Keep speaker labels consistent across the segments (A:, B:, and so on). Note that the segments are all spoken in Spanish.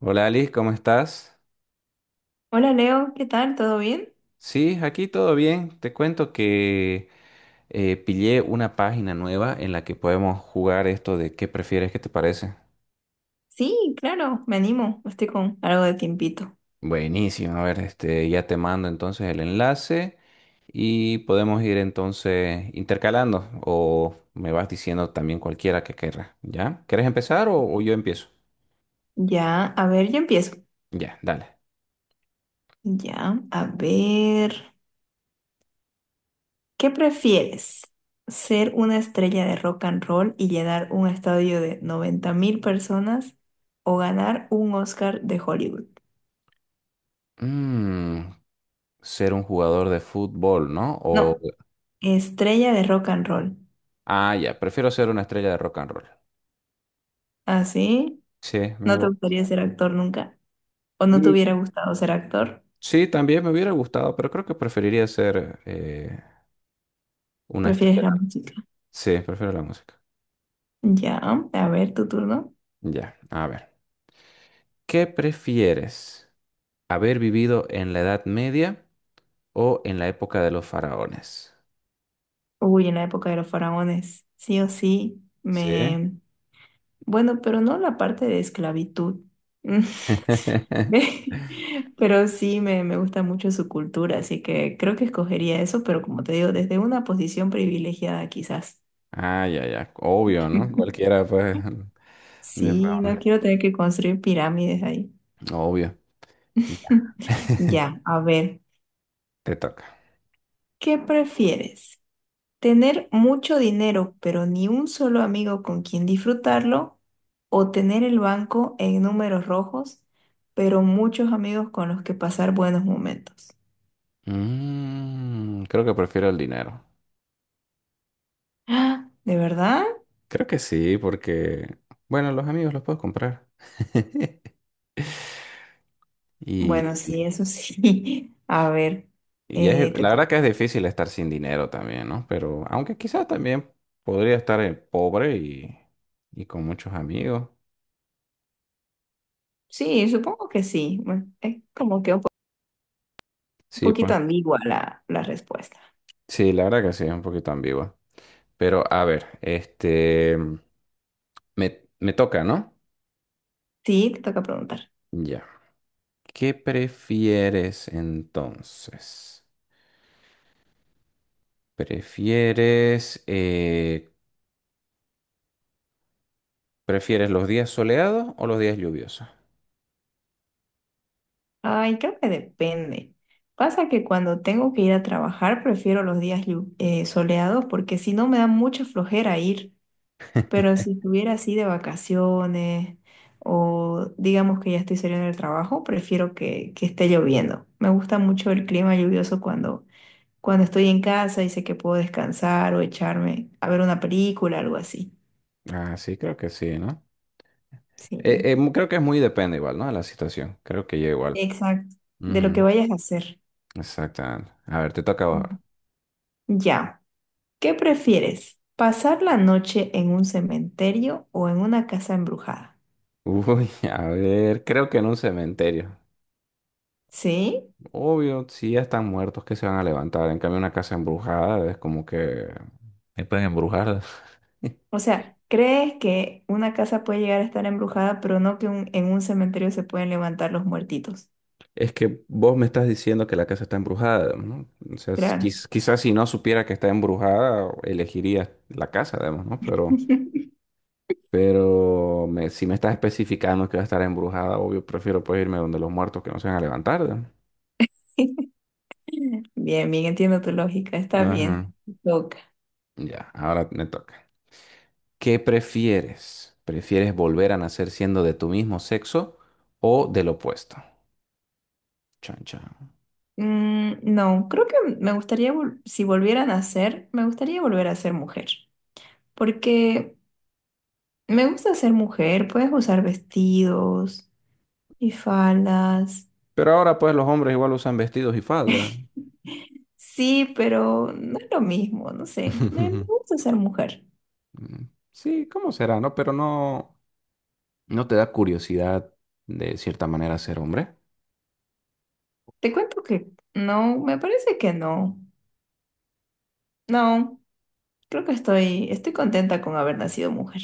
A: Hola Ali, ¿cómo estás?
B: Hola Leo, ¿qué tal? ¿Todo bien?
A: Sí, aquí todo bien. Te cuento que pillé una página nueva en la que podemos jugar esto de qué prefieres, ¿qué te parece?
B: Sí, claro, me animo, estoy con algo de tiempito.
A: Buenísimo, a ver, este, ya te mando entonces el enlace y podemos ir entonces intercalando o me vas diciendo también cualquiera que querrá. ¿Ya? ¿Quieres empezar o yo empiezo?
B: Ya, a ver, yo empiezo.
A: Ya, dale.
B: Ya, a ver, ¿qué prefieres? ¿Ser una estrella de rock and roll y llenar un estadio de 90 mil personas o ganar un Oscar de Hollywood?
A: Mm, ser un jugador de fútbol, ¿no?
B: No,
A: O,
B: estrella de rock and roll.
A: ah, ya, prefiero ser una estrella de rock and roll.
B: ¿Así?
A: Sí, me
B: ¿No te
A: gusta.
B: gustaría ser actor nunca? ¿O no te
A: Mm,
B: hubiera gustado ser actor?
A: sí, también me hubiera gustado, pero creo que preferiría ser una
B: ¿Prefieres
A: estrella.
B: la música?
A: Sí, prefiero la música.
B: Ya, a ver, tu turno.
A: Ya, a ver. ¿Qué prefieres? ¿Haber vivido en la Edad Media o en la época de los faraones?
B: Uy, en la época de los faraones, sí o sí,
A: Sí.
B: me... Bueno, pero no la parte de esclavitud. Ve, pero sí me gusta mucho su cultura, así que creo que escogería eso, pero como te digo, desde una posición privilegiada quizás.
A: Ah, ya, ya. Obvio, ¿no? Cualquiera, pues, de
B: Sí, no
A: faraones.
B: quiero tener que construir pirámides ahí.
A: Obvio. Y
B: Ya, a ver,
A: Te toca.
B: ¿qué prefieres? Tener mucho dinero, pero ni un solo amigo con quien disfrutarlo, o tener el banco en números rojos, pero muchos amigos con los que pasar buenos momentos.
A: Mm, creo que prefiero el dinero.
B: ¡Ah! ¿De verdad?
A: Creo que sí, porque, bueno, los amigos los puedo comprar.
B: Bueno,
A: Y,
B: sí, eso sí. A ver,
A: y es,
B: te
A: la verdad
B: toca.
A: que es difícil estar sin dinero también, ¿no? Pero aunque quizás también podría estar pobre y con muchos amigos.
B: Sí, supongo que sí. Bueno, es como que un, un
A: Sí,
B: poquito
A: pues.
B: ambigua la respuesta.
A: Sí, la verdad que sí, es un poquito ambigua. Pero a ver, este, me toca, ¿no?
B: Sí, te toca preguntar.
A: Ya. ¿Qué prefieres entonces? ¿Prefieres, prefieres los días soleados o los días lluviosos?
B: Ay, creo que depende. Pasa que cuando tengo que ir a trabajar, prefiero los días soleados porque si no me da mucha flojera ir. Pero si estuviera así de vacaciones o digamos que ya estoy saliendo del trabajo, prefiero que esté lloviendo. Me gusta mucho el clima lluvioso cuando, cuando estoy en casa y sé que puedo descansar o echarme a ver una película, algo así.
A: Ah, sí, creo que sí, ¿no?
B: Sí,
A: Creo que es muy depende igual, ¿no? De la situación. Creo que yo igual.
B: exacto. De lo
A: Ujú,
B: que vayas a hacer.
A: exactamente. A ver, te toca
B: Ujú.
A: ahora.
B: Ya. ¿Qué prefieres? ¿Pasar la noche en un cementerio o en una casa embrujada?
A: Uy, a ver, creo que en un cementerio.
B: ¿Sí?
A: Obvio, si ya están muertos, ¿que se van a levantar? En cambio, una casa embrujada es como que me pueden embrujar.
B: O sea, ¿crees que una casa puede llegar a estar embrujada, pero no que en un cementerio se pueden levantar los muertitos?
A: Es que vos me estás diciendo que la casa está embrujada, ¿no? O sea,
B: Claro.
A: quizás si no supiera que está embrujada, elegiría la casa, además, ¿no? Pero, si me estás especificando que va a estar embrujada, obvio, prefiero pues irme donde los muertos que no se van a levantar,
B: Bien, bien, entiendo tu lógica, está
A: ¿no?
B: bien.
A: Ajá.
B: Toca.
A: Ya, ahora me toca. ¿Qué prefieres? ¿Prefieres volver a nacer siendo de tu mismo sexo o del opuesto? Chan, chan.
B: Mm, no, creo que me gustaría, si volvieran a ser, me gustaría volver a ser mujer, porque me gusta ser mujer, puedes usar vestidos y faldas.
A: Pero ahora pues los hombres igual usan vestidos y faldas.
B: Sí, pero no es lo mismo, no sé. Me gusta ser mujer.
A: Mm, sí, ¿cómo será, no? Pero no, ¿no te da curiosidad de cierta manera ser hombre?
B: Te cuento que no, me parece que no. No, creo que estoy contenta con haber nacido mujer.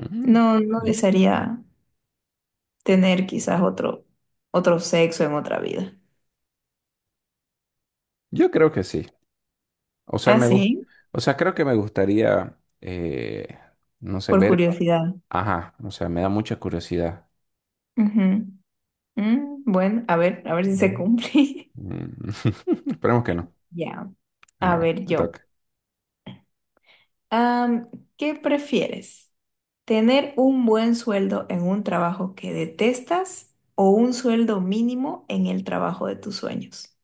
A: Ujú,
B: No, no
A: bien.
B: desearía tener quizás otro sexo en otra vida.
A: Yo creo que sí. O sea,
B: Ah,
A: me gus-
B: sí,
A: o sea, creo que me gustaría, no sé,
B: por
A: ver,
B: curiosidad.
A: ajá, o sea, me da mucha curiosidad.
B: Ujú. Mm, bueno, a ver si se
A: Ujú.
B: cumple.
A: Mm, esperemos que no.
B: Ya,
A: A
B: a
A: ver,
B: ver
A: me
B: yo.
A: toca.
B: Am, ¿Qué prefieres? ¿Tener un buen sueldo en un trabajo que detestas o un sueldo mínimo en el trabajo de tus sueños?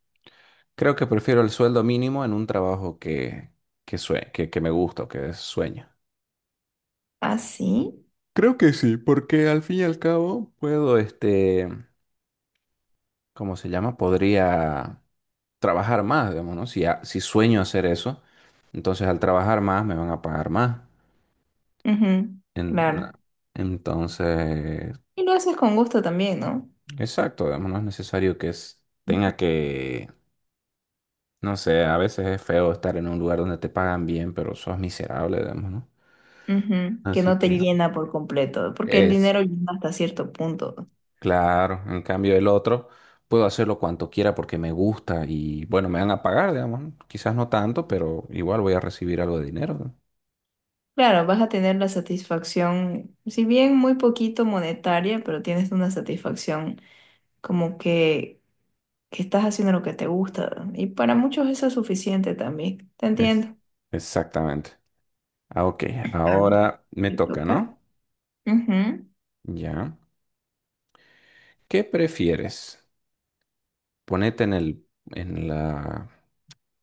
A: Creo que prefiero el sueldo mínimo en un trabajo que me gusta o que es sueño.
B: Ah, sí.
A: Creo que sí, porque al fin y al cabo puedo, este, ¿cómo se llama? Podría trabajar más, digamos, ¿no? Si sueño hacer eso, entonces al trabajar más me van a pagar más.
B: Ujú,
A: En-
B: claro.
A: entonces,
B: Y lo haces con gusto también, ¿no?
A: exacto, digamos, no es necesario que tenga que, no sé, a veces es feo estar en un lugar donde te pagan bien, pero sos miserable, digamos, ¿no?
B: Ujú, que
A: Así
B: no te
A: que...
B: llena por completo, porque el
A: Es,
B: dinero llena hasta cierto punto.
A: claro, en cambio el otro puedo hacerlo cuanto quiera porque me gusta y bueno, me van a pagar, digamos, ¿no? Quizás no tanto, pero igual voy a recibir algo de dinero. ¿No?
B: Claro, vas a tener la satisfacción, si bien muy poquito monetaria, pero tienes una satisfacción como que estás haciendo lo que te gusta. Y para muchos eso es suficiente también. Te
A: Es.
B: entiendo.
A: Exactamente. Ah, ok,
B: A ver,
A: ahora me
B: ¿te
A: toca,
B: toca?
A: ¿no?
B: Ujú.
A: Ya. ¿Qué prefieres? Ponete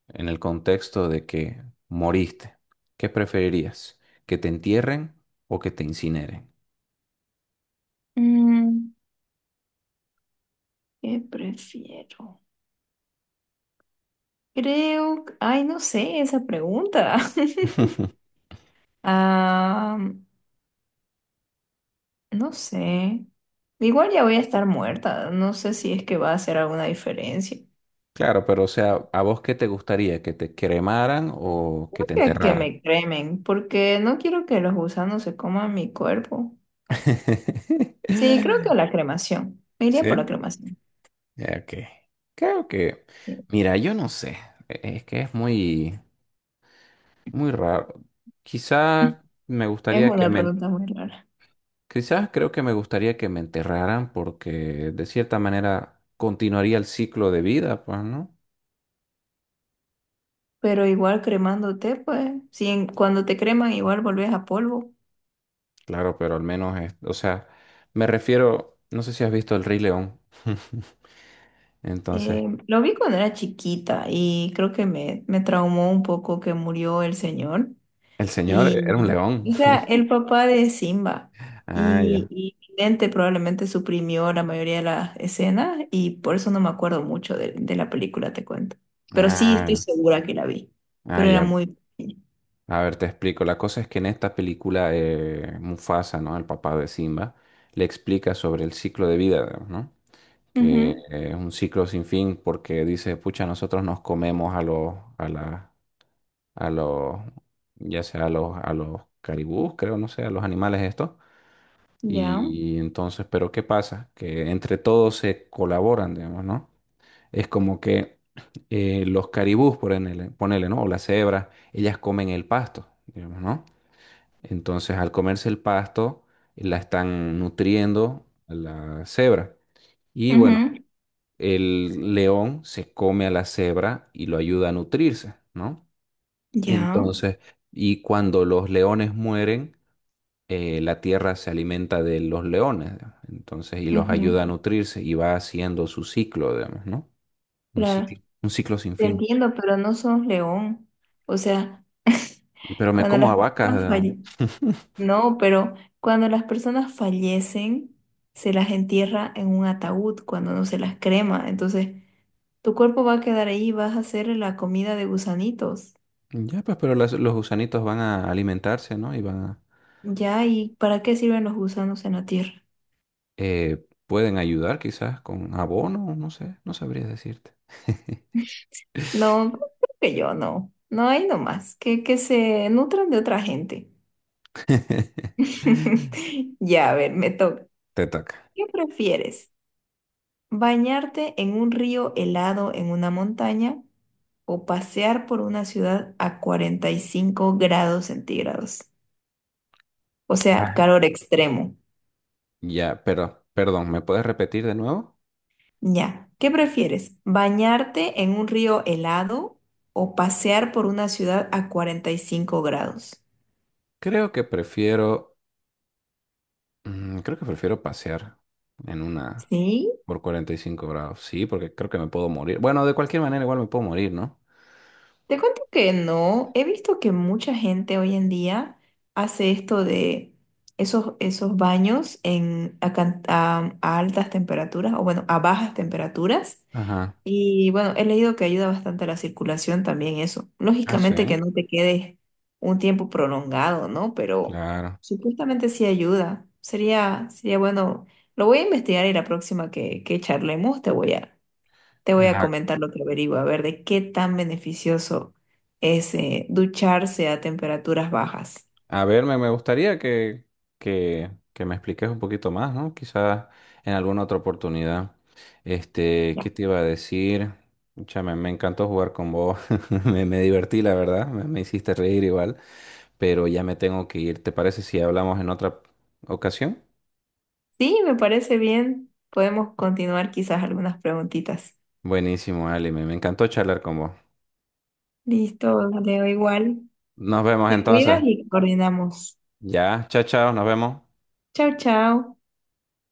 A: en el contexto de que moriste. ¿Qué preferirías? ¿Que te entierren o que te incineren?
B: Mm, ¿qué prefiero? Creo, ay, no sé esa pregunta. Ah, no sé. Igual ya voy a estar muerta. No sé si es que va a hacer alguna diferencia.
A: Claro, pero o sea, ¿a vos qué te gustaría? ¿Que te cremaran o que
B: Creo
A: te
B: que
A: enterraran?
B: me cremen, porque no quiero que los gusanos se coman mi cuerpo. Sí, creo que la cremación. Me iría
A: ¿Sí?
B: por la cremación.
A: Ya, ok. Creo que,
B: Sí.
A: mira, yo no sé. Es que es muy, muy raro. Quizás me
B: Es
A: gustaría que
B: una
A: me,
B: pregunta muy rara.
A: quizás creo que me gustaría que me enterraran porque de cierta manera continuaría el ciclo de vida, pues, ¿no?
B: Pero igual cremándote, pues, si cuando te creman igual volvés a polvo.
A: Claro, pero al menos es, o sea, me refiero, no sé si has visto El Rey León. Entonces,
B: Lo vi cuando era chiquita y creo que me traumó un poco que murió el señor.
A: el señor era un
B: Y,
A: león.
B: o sea, el papá de Simba.
A: Ah,
B: Y,
A: ya.
B: y mi mente probablemente suprimió la mayoría de las escenas y por eso no me acuerdo mucho de la película, te cuento. Pero sí estoy
A: Ah,
B: segura que la vi.
A: ah,
B: Pero era
A: ya.
B: muy... pequeña.
A: A ver, te explico. La cosa es que en esta película Mufasa, ¿no? El papá de Simba, le explica sobre el ciclo de vida, ¿no? Que
B: Ujú.
A: es un ciclo sin fin porque dice, pucha, nosotros nos comemos a los, a la, a los, ya sea a los caribús, creo, no sé, a los animales estos.
B: Ya.
A: Y entonces, pero ¿qué pasa? Que entre todos se colaboran, digamos, ¿no? Es como que los caribús, ponele, ¿no? O las cebras, ellas comen el pasto, digamos, ¿no? Entonces, al comerse el pasto, la están nutriendo a la cebra. Y bueno,
B: Ujú.
A: el león se come a la cebra y lo ayuda a nutrirse, ¿no?
B: Ya.
A: Entonces, y cuando los leones mueren, la tierra se alimenta de los leones, digamos. Entonces, y los
B: Ujú.
A: ayuda a nutrirse y va haciendo su ciclo, digamos, ¿no?
B: Claro,
A: Un ciclo sin
B: te
A: fin.
B: entiendo, pero no sos león. O sea,
A: Pero me
B: cuando
A: como a
B: las
A: vacas.
B: personas
A: ¿No?
B: fallecen, no, pero cuando las personas fallecen, se las entierra en un ataúd cuando no se las crema. Entonces, tu cuerpo va a quedar ahí, vas a hacer la comida de gusanitos.
A: Ya, pues, pero los gusanitos van a alimentarse, ¿no? Y van a...
B: Ya, ¿y para qué sirven los gusanos en la tierra?
A: pueden ayudar quizás con abono, no sé, no sabría decirte.
B: No, creo que yo no. No hay nomás, que se nutran de otra gente. Ya, a ver, me toca.
A: Te toca.
B: ¿Qué prefieres? Bañarte en un río helado en una montaña o pasear por una ciudad a 45 grados centígrados. O sea,
A: Ah.
B: calor extremo.
A: Ya, pero, perdón, ¿me puedes repetir de nuevo?
B: Ya. ¿Qué prefieres? ¿Bañarte en un río helado o pasear por una ciudad a 45 grados?
A: Creo que prefiero, mm, creo que prefiero pasear en una
B: ¿Sí?
A: por 45 grados. Sí, porque creo que me puedo morir. Bueno, de cualquier manera igual me puedo morir, ¿no?
B: Te cuento que no, he visto que mucha gente hoy en día hace esto de esos baños en, a, can- a altas temperaturas o bueno, a bajas temperaturas.
A: Ajá.
B: Y bueno, he leído que ayuda bastante a la circulación también eso.
A: Ah, sí,
B: Lógicamente que no te quedes un tiempo prolongado, ¿no? Pero
A: claro.
B: supuestamente sí ayuda. Sería bueno, lo voy a investigar y la próxima que charlemos te voy a comentar lo que averiguo, a ver de qué tan beneficioso es ducharse a temperaturas bajas.
A: A ver, me gustaría que me expliques un poquito más, ¿no? Quizás en alguna otra oportunidad. Este, ¿qué
B: Ya.
A: te iba a decir? Pucha, me encantó jugar con vos. Me divertí, la verdad. Me hiciste reír igual. Pero ya me tengo que ir. ¿Te parece si hablamos en otra ocasión?
B: Sí, me parece bien. Podemos continuar quizás algunas preguntitas.
A: Buenísimo, Ali. Me encantó charlar con vos.
B: Listo, leo igual.
A: Nos vemos
B: Te
A: entonces.
B: cuidas y coordinamos.
A: Ya, chao, chao. Nos vemos.
B: Chao, chao.